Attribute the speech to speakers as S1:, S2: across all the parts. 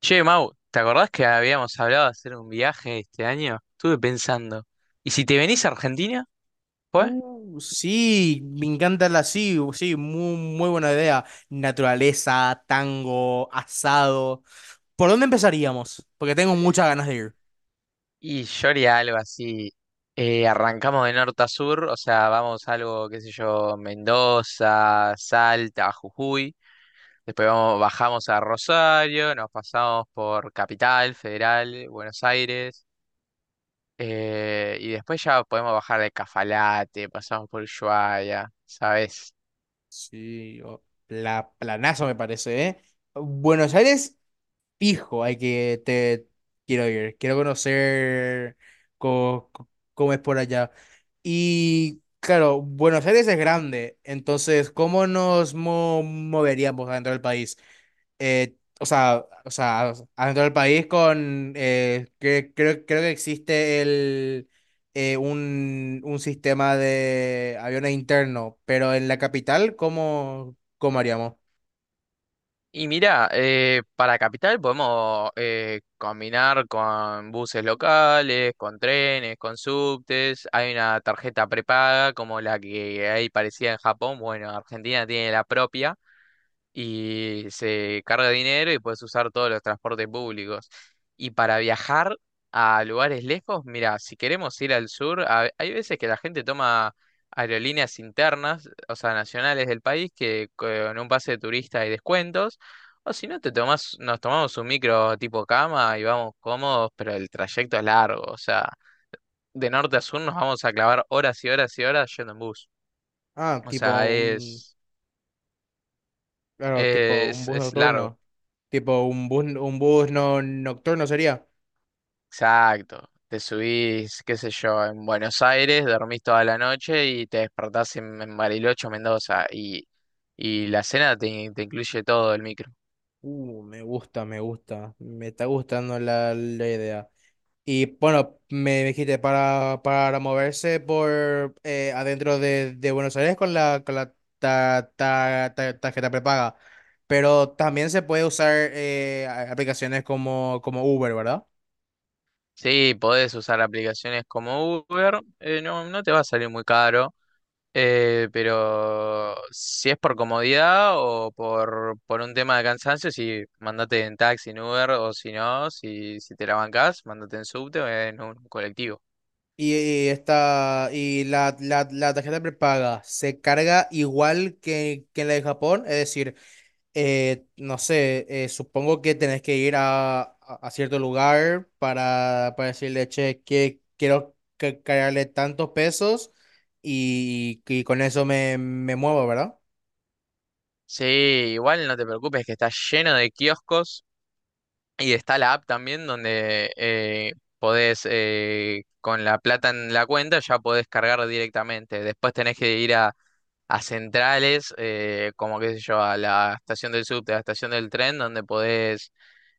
S1: Che, Mau, ¿te acordás que habíamos hablado de hacer un viaje este año? Estuve pensando, ¿y si te venís a Argentina? ¿Fue?
S2: Sí, me encanta la sí, u- sí, muy buena idea. Naturaleza, tango, asado. ¿Por dónde empezaríamos? Porque tengo muchas ganas de ir.
S1: Y yo haría algo así. Arrancamos de norte a sur, o sea, vamos algo, qué sé yo, Mendoza, Salta, Jujuy, después vamos, bajamos a Rosario, nos pasamos por Capital Federal, Buenos Aires, y después ya podemos bajar de Cafalate, pasamos por Ushuaia, ¿sabes?
S2: Sí, o- la planazo me parece, ¿eh? Buenos Aires, fijo, hay que te quiero ir, quiero conocer cómo es por allá. Y claro, Buenos Aires es grande, entonces, ¿cómo nos moveríamos dentro del país? O sea, adentro del país con, creo que existe un sistema de aviones interno, pero en la capital, cómo haríamos?
S1: Y mira, para Capital podemos combinar con buses locales, con trenes, con subtes. Hay una tarjeta prepaga como la que hay parecida en Japón. Bueno, Argentina tiene la propia y se carga dinero y puedes usar todos los transportes públicos. Y para viajar a lugares lejos, mira, si queremos ir al sur, hay veces que la gente toma aerolíneas internas, o sea, nacionales del país, que con un pase de turista hay descuentos. O si no, te tomás, nos tomamos un micro tipo cama y vamos cómodos, pero el trayecto es largo. O sea, de norte a sur nos vamos a clavar horas y horas y horas yendo en bus.
S2: Ah,
S1: O
S2: tipo
S1: sea,
S2: un, claro, Tipo un bus
S1: es largo.
S2: nocturno, tipo un bus no, nocturno sería.
S1: Exacto. Te subís, qué sé yo, en Buenos Aires, dormís toda la noche y te despertás en Bariloche o Mendoza. Y la cena te, te incluye todo el micro.
S2: Me gusta me está gustando la idea. Y bueno, me dijiste para moverse por adentro de Buenos Aires con con la tarjeta prepaga. Pero también se puede usar aplicaciones como Uber, ¿verdad?
S1: Sí, podés usar aplicaciones como Uber, no, no te va a salir muy caro, pero si es por comodidad o por un tema de cansancio, sí, mandate en taxi, en Uber, o si no, si, si te la bancás, mandate en subte o en un colectivo.
S2: Y esta, y La tarjeta prepaga se carga igual que la de Japón, es decir, no sé, supongo que tenés que ir a cierto lugar para decirle, che, que quiero cargarle tantos pesos y con eso me muevo, ¿verdad?
S1: Sí, igual no te preocupes que está lleno de kioscos y está la app también donde podés, con la plata en la cuenta, ya podés cargar directamente. Después tenés que ir a centrales, como qué sé yo, a la estación del subte, a la estación del tren, donde podés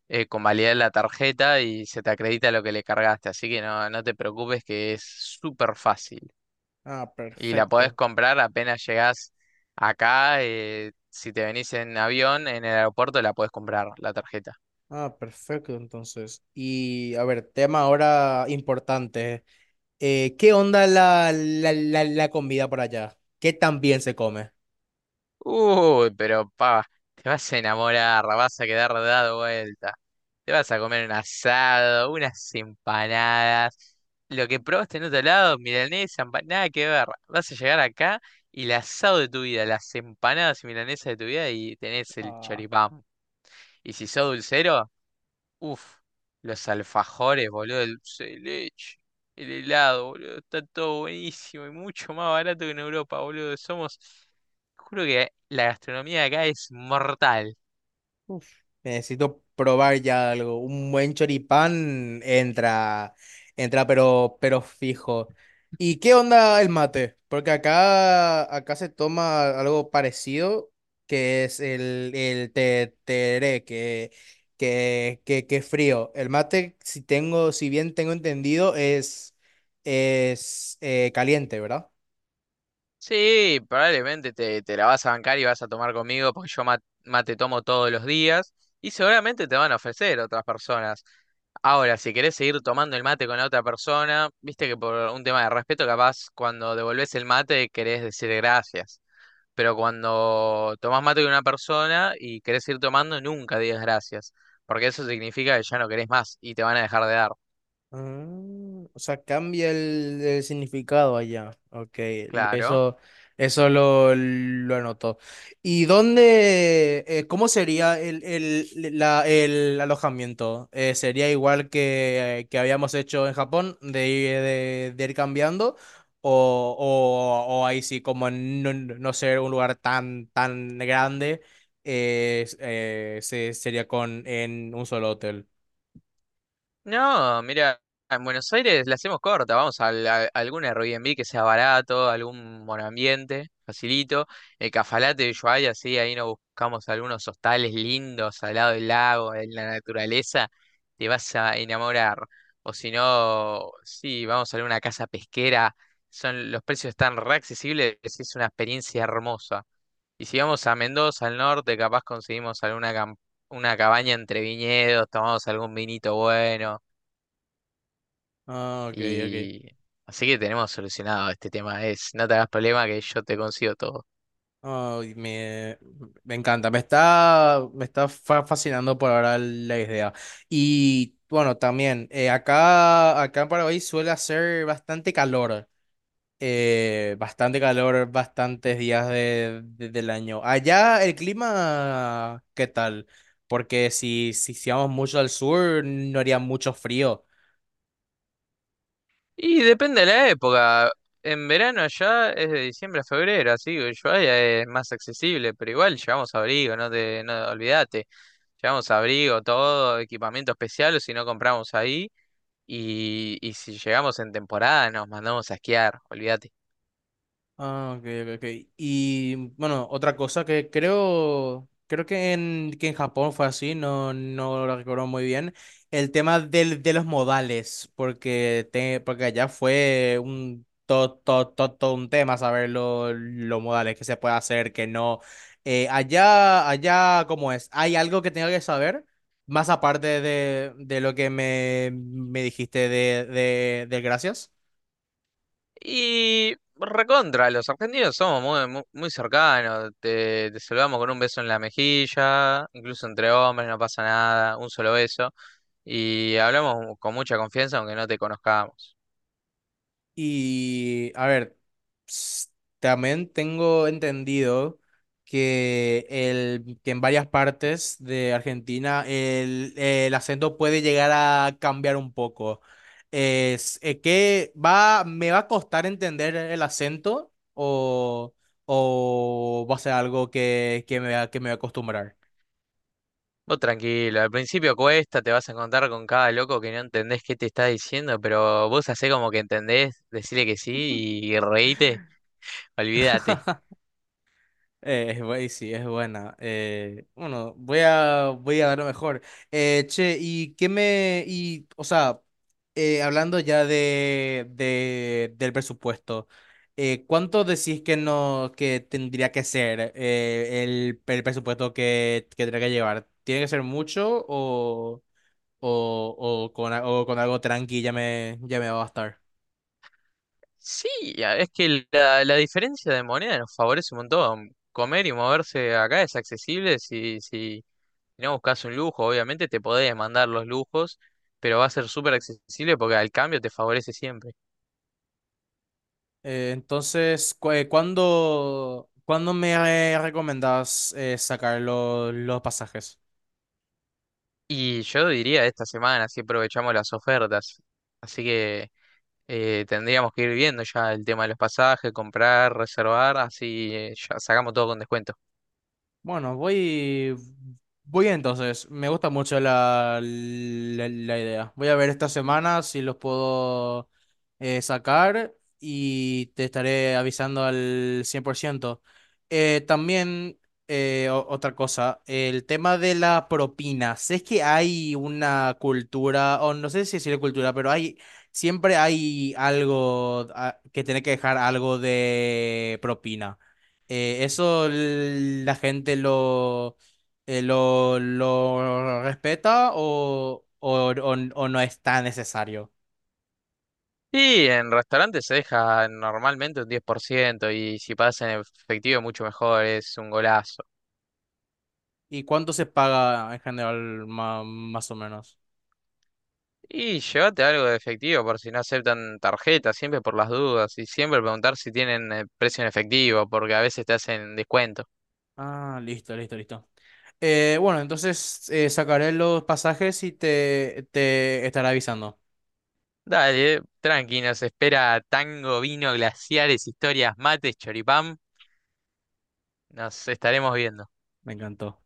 S1: convalidar la tarjeta y se te acredita lo que le cargaste. Así que no, no te preocupes que es súper fácil.
S2: Ah,
S1: Y la podés
S2: perfecto.
S1: comprar apenas llegás acá. Si te venís en avión, en el aeropuerto la podés comprar, la tarjeta.
S2: Ah, perfecto, entonces. Y a ver, tema ahora importante. ¿Qué onda la comida por allá? ¿Qué tan bien se come?
S1: Uy, pero pa, te vas a enamorar, vas a quedar dado vuelta. Te vas a comer un asado, unas empanadas. Lo que probaste en otro lado, milanesa, nada que ver. Vas a llegar acá y el asado de tu vida, las empanadas y milanesas de tu vida y tenés el choripán. Y si sos dulcero, uf, los alfajores, boludo, el dulce de leche, el helado, boludo, está todo buenísimo y mucho más barato que en Europa, boludo. Somos, juro que la gastronomía de acá es mortal.
S2: Uf, necesito probar ya algo. Un buen choripán entra, pero fijo. ¿Y qué onda el mate? Porque acá, acá se toma algo parecido, que es el tereré, que es frío. El mate, si tengo, si bien tengo entendido, es caliente, ¿verdad?
S1: Sí, probablemente te, te la vas a bancar y vas a tomar conmigo porque mate tomo todos los días y seguramente te van a ofrecer otras personas. Ahora, si querés seguir tomando el mate con la otra persona, viste que por un tema de respeto, capaz cuando devolvés el mate querés decir gracias. Pero cuando tomás mate de una persona y querés ir tomando, nunca digas gracias, porque eso significa que ya no querés más y te van a dejar de dar.
S2: Ah, o sea, cambia el significado allá. Ok,
S1: Claro.
S2: eso, eso lo anotó. ¿Y cómo sería el alojamiento? ¿Sería igual que habíamos hecho en Japón, de, de ir cambiando? ¿O, o ahí sí, como no ser un lugar tan, tan grande, sería con, en un solo hotel?
S1: No, mira, en Buenos Aires la hacemos corta, vamos a, algún Airbnb que sea barato, algún monoambiente, facilito. El Cafalate de Ushuaia, sí, ahí nos buscamos algunos hostales lindos al lado del lago, en la naturaleza, te vas a enamorar. O si no, sí, vamos a alguna casa pesquera, son, los precios están re accesibles, es una experiencia hermosa. Y si vamos a Mendoza, al norte, capaz conseguimos alguna una cabaña entre viñedos, tomamos algún vinito bueno.
S2: Ah, ok, ok.
S1: Y así que tenemos solucionado este tema. Es, no te hagas problema que yo te consigo todo.
S2: Ay, me, Me encanta, me está fascinando por ahora la idea. Y bueno, también acá, acá en Paraguay suele hacer bastante calor, bastantes días del año. Allá el clima, ¿qué tal? Porque si vamos mucho al sur, no haría mucho frío.
S1: Y depende de la época. En verano allá es de diciembre a febrero, así que Ushuaia es más accesible, pero igual llevamos abrigo, no te, no olvídate. Llevamos abrigo, todo, equipamiento especial, o si no compramos ahí. Y si llegamos en temporada nos mandamos a esquiar, olvídate.
S2: Ah, ok, ok, ok. Y bueno, otra cosa que creo que que en Japón fue así, no, no lo recuerdo muy bien, el tema de los modales, porque, porque allá fue un, todo un tema saber los modales, que se puede hacer, que no. Allá, ¿cómo es? ¿Hay algo que tenga que saber? Más aparte de lo que me dijiste del gracias.
S1: Y recontra, los argentinos somos muy, muy, muy cercanos, te saludamos con un beso en la mejilla, incluso entre hombres no pasa nada, un solo beso, y hablamos con mucha confianza aunque no te conozcamos.
S2: Y a ver, s- también tengo entendido que, que en varias partes de Argentina el acento puede llegar a cambiar un poco. Es, que va, me va a costar entender el acento o va a ser algo que me voy a acostumbrar.
S1: Vos tranquilo, al principio cuesta, te vas a encontrar con cada loco que no entendés qué te está diciendo, pero vos hacés como que entendés, decirle que sí y reíte, olvídate.
S2: Sí, es buena. Bueno, Voy a, voy a dar lo mejor. Che, ¿y qué me... O sea, hablando ya del presupuesto, ¿cuánto decís que no, que tendría que ser el presupuesto que tendría que llevar? ¿Tiene que ser mucho o, con, o con algo tranqui ya me va a bastar?
S1: Sí, es que la diferencia de moneda nos favorece un montón. Comer y moverse acá es accesible si, si no buscas un lujo, obviamente te podés mandar los lujos, pero va a ser súper accesible porque al cambio te favorece siempre.
S2: ¿Cuándo, cuándo me recomendás sacar los pasajes?
S1: Y yo diría esta semana, si aprovechamos las ofertas. Así que tendríamos que ir viendo ya el tema de los pasajes, comprar, reservar, así ya sacamos todo con descuento.
S2: Bueno, voy, Voy entonces. Me gusta mucho la idea. Voy a ver esta semana si los puedo sacar y te estaré avisando al 100%. Eh, también, Otra cosa, el tema de la propina. Sé que hay una cultura, o no sé si decir cultura, pero hay, siempre hay algo que tiene que dejar algo de propina. Eso la gente lo respeta o no es tan necesario.
S1: Y en restaurantes se deja normalmente un 10% y si pagas en efectivo mucho mejor, es un golazo.
S2: ¿Y cuánto se paga en general más o menos?
S1: Y llévate algo de efectivo por si no aceptan tarjeta, siempre por las dudas y siempre preguntar si tienen precio en efectivo porque a veces te hacen descuento.
S2: Ah, listo, listo, listo. Bueno, entonces sacaré los pasajes y te estaré avisando.
S1: Dale, tranqui, nos espera tango, vino, glaciares, historias, mates, choripán. Nos estaremos viendo.
S2: Me encantó.